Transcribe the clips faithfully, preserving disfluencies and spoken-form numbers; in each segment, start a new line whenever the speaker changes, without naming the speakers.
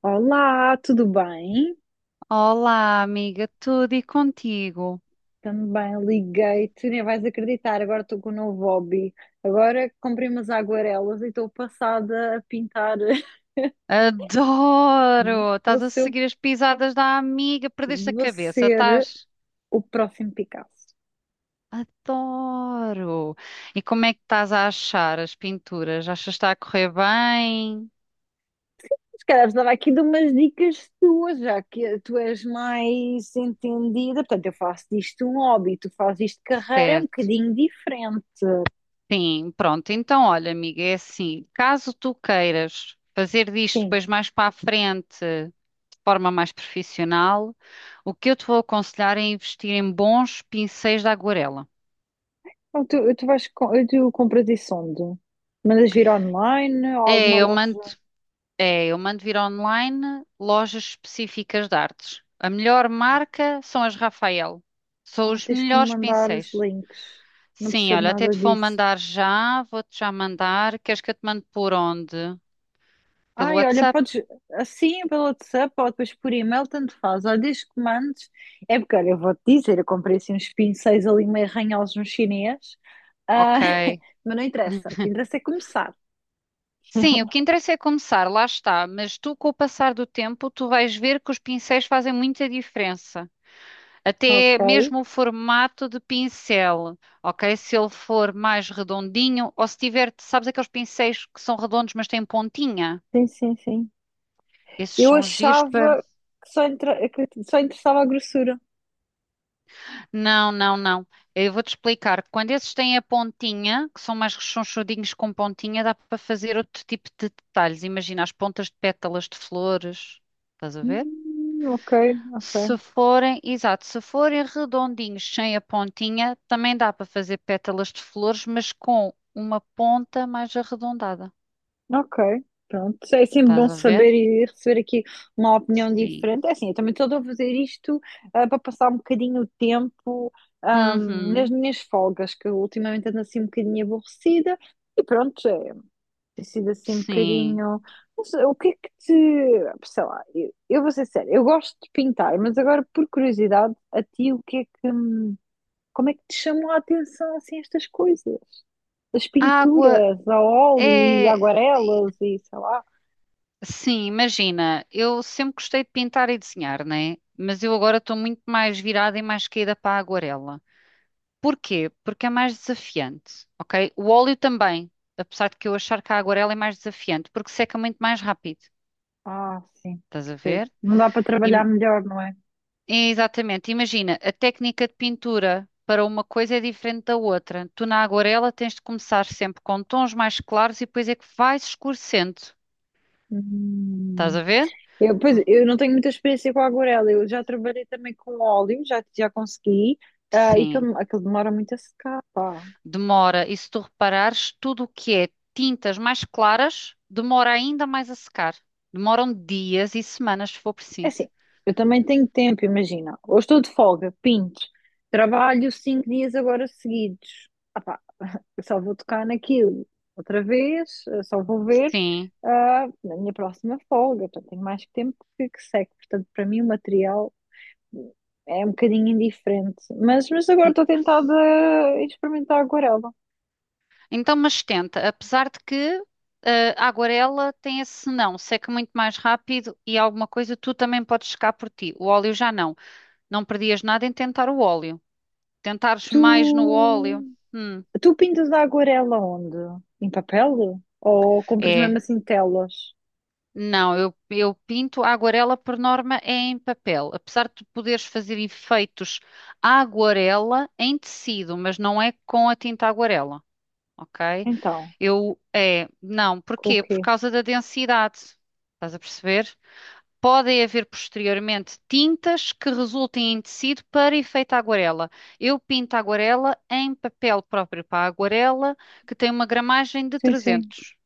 Olá, tudo bem?
Olá, amiga, tudo e contigo?
Também liguei-te, nem vais acreditar. Agora estou com um novo hobby. Agora comprei umas aguarelas e estou passada a pintar.
Adoro!
Vou
Estás a
ser,
seguir as pisadas da amiga, perdeste a
vou
cabeça, estás?
ser o próximo Picasso.
Adoro! E como é que estás a achar as pinturas? Achas que está a correr bem?
Se calhar precisava aqui de umas dicas tuas, já que tu és mais entendida. Portanto, eu faço disto um hobby, tu fazes isto de carreira, é um
Certo,
bocadinho diferente.
sim, pronto. Então, olha, amiga, é assim: caso tu queiras fazer disto
Sim.
depois mais para a frente, de forma mais profissional, o que eu te vou aconselhar é investir em bons pincéis de aguarela.
Então, tu, tu vais, com- tu compras isso onde? Mandas vir online ou
É,
alguma
eu mando.
loja?
É, eu mando vir online lojas específicas de artes. A melhor marca são as Rafael. São
Ai,
os
tens que me
melhores
mandar os
pincéis.
links. Não
Sim,
percebo
olha, até
nada
te vou
disso.
mandar já, vou-te já mandar. Queres que eu te mande por onde? Pelo
Ai, olha,
WhatsApp?
podes assim pelo WhatsApp ou depois por e-mail, tanto faz. Olha, desde que mandes. É porque, olha, eu vou-te dizer, eu comprei assim uns pincéis ali meio arranhados no chinês. Ah,
Ok.
mas não interessa. O que interessa é começar.
Sim, o que interessa é começar, lá está. Mas tu, com o passar do tempo, tu vais ver que os pincéis fazem muita diferença.
Ok.
Até mesmo o formato de pincel, ok? Se ele for mais redondinho, ou se tiver, sabes aqueles pincéis que são redondos, mas têm pontinha?
Sim, sim, sim.
Esses
Eu
são giros para.
achava que só, entra... que só interessava a grossura.
Não, não, não. Eu vou-te explicar. Quando esses têm a pontinha, que são mais rechonchudinhos com pontinha, dá para fazer outro tipo de detalhes. Imagina as pontas de pétalas de flores. Estás a ver?
Hum, ok,
Se
ok.
forem, exato, se forem redondinhos sem a pontinha, também dá para fazer pétalas de flores, mas com uma ponta mais arredondada.
Ok, pronto. É sempre
Estás
bom
a ver?
saber e receber aqui uma opinião
Sim.
diferente. É assim, eu também estou a fazer isto ah, para passar um bocadinho o tempo ah, nas
Uhum,
minhas folgas, que eu ultimamente ando assim um bocadinho aborrecida. E pronto, é, tem sido assim um
sim.
bocadinho. Não sei, o que é que te. Sei lá, eu, eu vou ser séria, eu gosto de pintar, mas agora por curiosidade, a ti, o que é que. Como é que te chamou a atenção assim estas coisas? As
A água
pinturas a óleo e
é.
aguarelas e sei lá.
Sim, imagina, eu sempre gostei de pintar e desenhar, né? Mas eu agora estou muito mais virada e mais caída para a aguarela. Porquê? Porque é mais desafiante, ok? O óleo também, apesar de que eu achar que a aguarela é mais desafiante, porque seca muito mais rápido.
Ah, sim,
Estás a
percebo.
ver?
Não dá para trabalhar
Im-
melhor, não é?
É, exatamente. Imagina, a técnica de pintura para uma coisa é diferente da outra. Tu na aguarela tens de começar sempre com tons mais claros e depois é que vais escurecendo. Estás
Hum.
a ver?
Eu, pois,
V-
eu não tenho muita experiência com a aguarela. Eu já trabalhei também com óleo, já, já consegui. Ah, e
Sim.
aquilo, aquilo demora muito a secar, pá.
Demora. E se tu reparares, tudo o que é tintas mais claras demora ainda mais a secar. Demoram dias e semanas se for
É
preciso.
assim, eu também tenho tempo, imagina. Hoje estou de folga, pinto. Trabalho cinco dias agora seguidos. Ah, pá, eu só vou tocar naquilo outra vez, eu só vou ver
Sim.
ah, na minha próxima folga. Portanto, tenho mais tempo que, que seco. Portanto, para mim, o material. É um bocadinho indiferente. Mas, mas agora estou tentada a experimentar a aguarela.
Então, mas tenta, apesar de que eh, a aguarela tem esse não, seca muito mais rápido e alguma coisa tu também podes secar por ti. O óleo já não. Não perdias nada em tentar o óleo. Tentares
Tu,
mais no óleo. hum,
tu pintas a aquarela onde? Em papel? Ou compras mesmo
é.
assim telas?
Não, eu, eu pinto a aguarela por norma é em papel. Apesar de tu poderes fazer efeitos à aguarela em tecido, mas não é com a tinta aguarela, ok?
Então,
Eu, é, não,
com o
porquê? Por
quê?
causa da densidade. Estás a perceber? Podem haver posteriormente tintas que resultem em tecido para efeito aguarela. Eu pinto a aguarela em papel próprio para a aguarela, que tem uma gramagem de
Sim, sim.
trezentos.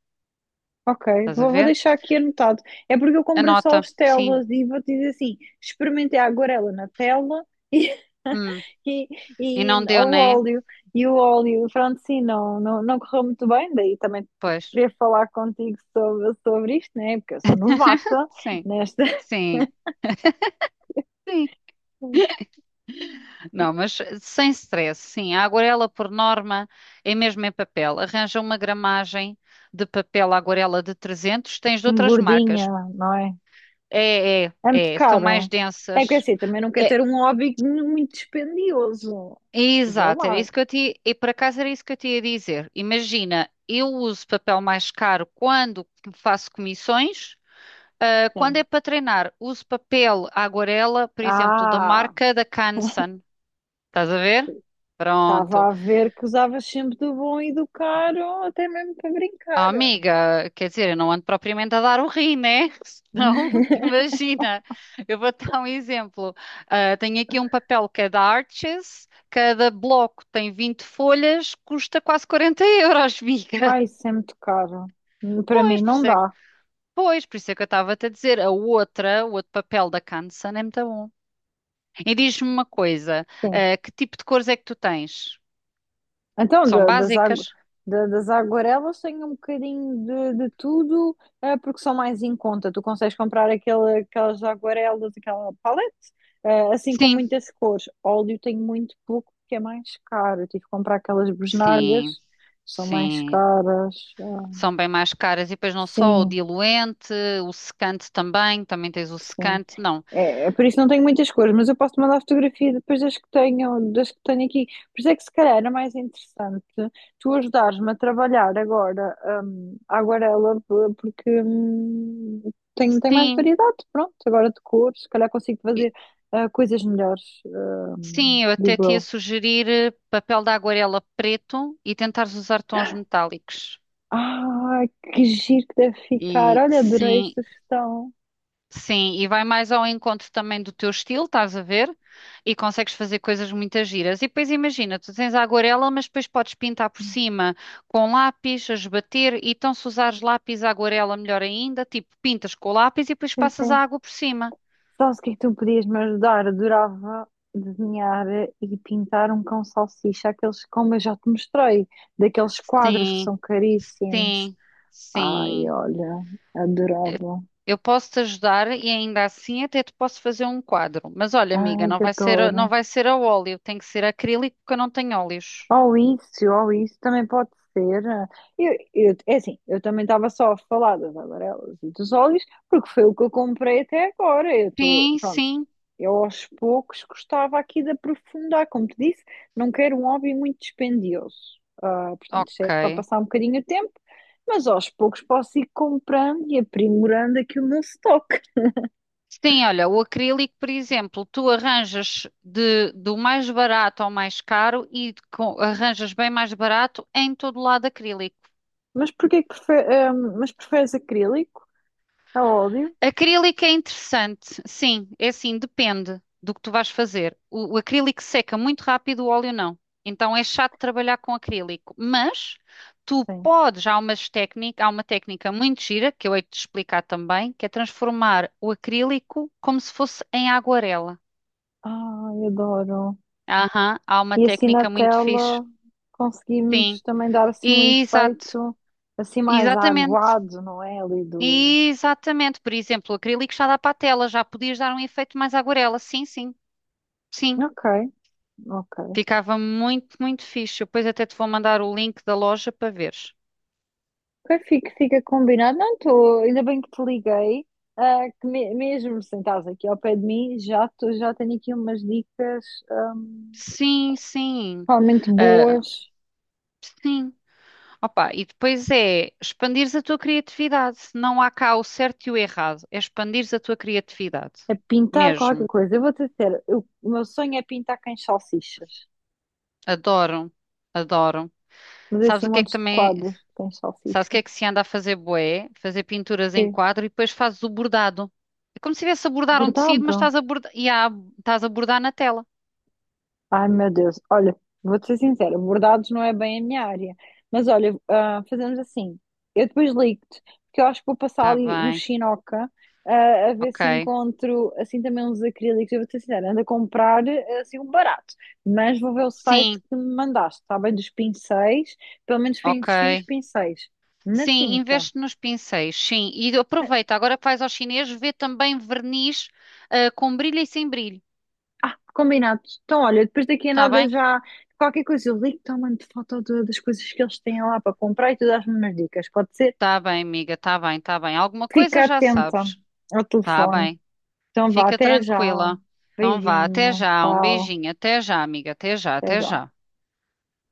Ok,
Estás a
vou, vou
ver?
deixar aqui anotado. É porque eu comprei só
Anota,
as
sim.
telas e vou te dizer assim: experimentei a aguarela na tela e,
Hum.
e,
E
e
não deu,
o
né?
óleo. E o óleo, pronto, sim, não, não, não correu muito bem. Daí também
Pois.
queria falar contigo sobre, sobre isto, né? Porque eu sou novata
Sim,
nesta
sim, sim. Não, mas sem stress, sim. A aguarela, por norma, é mesmo em papel. Arranja uma gramagem de papel aguarela de trezentos. Tens de
assim,
outras
gordinha,
marcas.
não é?
É, é,
É muito
é, são mais
caro. É que
densas.
assim, também não quero
É,
ter um hobby muito dispendioso. Vê
exato, era
lá,
isso que eu te, e por acaso era isso que eu te ia dizer. Imagina, eu uso papel mais caro quando faço comissões, ah, quando é
sim.
para treinar, uso papel aguarela, por exemplo, da
Ah!
marca da Canson. Estás a ver?
Estava
Pronto.
a ver que usavas sempre do bom e do caro, até mesmo para
Ah,
brincar.
amiga, quer dizer, eu não ando propriamente a dar o rim, né? Senão, imagina, eu vou dar um exemplo. Ah, tenho aqui um papel cada arches, cada bloco tem vinte folhas, custa quase quarenta euros, amiga.
Ai, isso é muito caro. Para mim
Pois, por
não
isso é,
dá.
pois, por isso é que eu estava-te a dizer, a outra, o outro papel da Canson é muito bom. E diz-me uma coisa,
Sim.
ah, que tipo de cores é que tu tens?
Então,
São
da- das, agu-
básicas?
da- das aguarelas tenho um bocadinho de, de tudo, eh, porque são mais em conta. Tu consegues comprar aquele, aquelas aguarelas, aquela palete, eh, assim com
Sim,
muitas cores. Óleo tenho muito pouco, porque é mais caro. Eu tive que comprar aquelas
sim,
bisnagas, são mais
sim.
caras. Ah,
São bem mais caras e depois não só o
sim,
diluente, o secante também, também tens o
sim.
secante, não.
É, é por isso não tenho muitas cores, mas eu posso mandar a fotografia depois das que tenho, das que tenho aqui. Por isso é que se calhar era mais interessante tu ajudares-me a trabalhar agora, hum, a aguarela, p- porque hum, tem, tem mais
Sim,
variedade, pronto, agora de cores, se calhar consigo
e-
fazer ah, coisas melhores, hum,
sim, eu até
digo
te ia
eu.
sugerir eh, papel de aguarela preto e tentares usar tons metálicos.
Ah, que giro que deve ficar.
E
Olha, adorei a
sim,
sugestão.
sim, e vai mais ao encontro também do teu estilo, estás a ver? E consegues fazer coisas muito giras. E depois imagina, tu tens a aguarela, mas depois podes pintar por cima com lápis, a esbater, e então se usares lápis à aguarela, melhor ainda, tipo, pintas com o lápis e depois passas a água por cima.
Sabes o que é que tu podias me ajudar? Adorava desenhar e pintar um cão salsicha, aqueles, como eu já te mostrei, daqueles quadros que
Sim,
são caríssimos.
sim,
Ai,
sim.
olha, adorava.
Eu posso te ajudar e ainda assim até te posso fazer um quadro. Mas olha, amiga,
Ai,
não vai ser, a- não
adoro.
vai ser a óleo, tem que ser acrílico porque eu não tenho óleos.
Ou isso, ou isso também pode ser. eh, Eu, eu- é assim, eu também estava só a falar das amarelas e dos óleos, porque foi o que eu comprei até agora. Eu estou,
Sim,
pronto,
sim.
eu aos poucos gostava aqui de aprofundar, como te disse, não quero um hobby muito dispendioso. Ah, portanto, isto é
Ok.
para passar um bocadinho o tempo, mas aos poucos posso ir comprando e aprimorando aqui o meu stock.
Sim, olha, o acrílico, por exemplo, tu arranjas de, do mais barato ao mais caro e com- arranjas bem mais barato em todo lado acrílico.
Mas porquê que prefe- ah, Mas preferes acrílico a óleo?
Acrílico é interessante, sim, é assim, depende do que tu vais fazer. O, o acrílico seca muito rápido, o óleo não. Então é chato trabalhar com acrílico, mas tu
Sim.
podes, há umas técnica, há uma técnica muito gira que eu hei de te explicar também, que é transformar o acrílico como se fosse em aguarela.
Ai, adoro.
Aham, há uma
E assim na
técnica muito fixe.
tela conseguimos
Sim,
também dar assim um
exato,
efeito assim mais
exatamente,
aguado, não é? Ali do.
exatamente. Por exemplo, o acrílico já dá para a tela, já podias dar um efeito mais aguarela. Sim, sim, sim.
Ok, ok.
Ficava muito, muito fixe. Eu depois até te vou mandar o link da loja para veres.
Ok, fica, fica combinado. Não estou, ainda bem que te liguei. Ah, que me- mesmo sentados aqui ao pé de mim, já, tô, já tenho aqui umas dicas ahm,
Sim, sim.
realmente
Ah,
boas
sim. Opa, e depois é expandires a tua criatividade. Não há cá o certo e o errado. É expandires a tua criatividade.
a pintar qualquer
Mesmo.
coisa. Eu vou-te dizer, eu- o meu sonho é pintar cães salsichas,
Adoro. Adoro.
mas
Sabes
assim
o que é que
montes de
também.
quadros de cães
Sabes o que
salsichas.
é que se anda a fazer bué? Fazer pinturas em
Que
quadro e depois fazes o bordado. É como se estivesse a bordar um tecido, mas
bordado.
estás a bordar, e há- estás a bordar na tela.
Ai, meu Deus. Olha, vou-te ser sincera, bordados não é bem a minha área. Mas olha, ah, fazemos assim. Eu depois ligo-te, porque eu acho que vou passar
Está
ali no
bem,
Chinoca, ah, a ver se
ok.
encontro assim também uns acrílicos. Eu vou-te ser sincera, ando a comprar ah, assim um barato. Mas vou ver o site
Sim,
que me mandaste, está bem? Dos pincéis. Pelo menos para investir nos
ok.
pincéis. Na
Sim,
tinta.
investe nos pincéis, sim. E aproveita, agora que vais ao chinês, vê também verniz, ah, com brilho e sem brilho.
Ah, combinado. Então, olha, depois daqui a
Está
nada
bem?
já qualquer coisa eu ligo-te ou mando foto de- das coisas que eles têm lá para comprar e tu dás-me umas dicas, pode ser?
Está bem, amiga, está bem, está bem. Alguma
Fica
coisa já
atenta
sabes.
ao
Está
telefone.
bem,
Então vá,
fica
até já.
tranquila. Então vá, até
Beijinho,
já, um
tchau,
beijinho, até já, amiga, até já,
até
até
já.
já.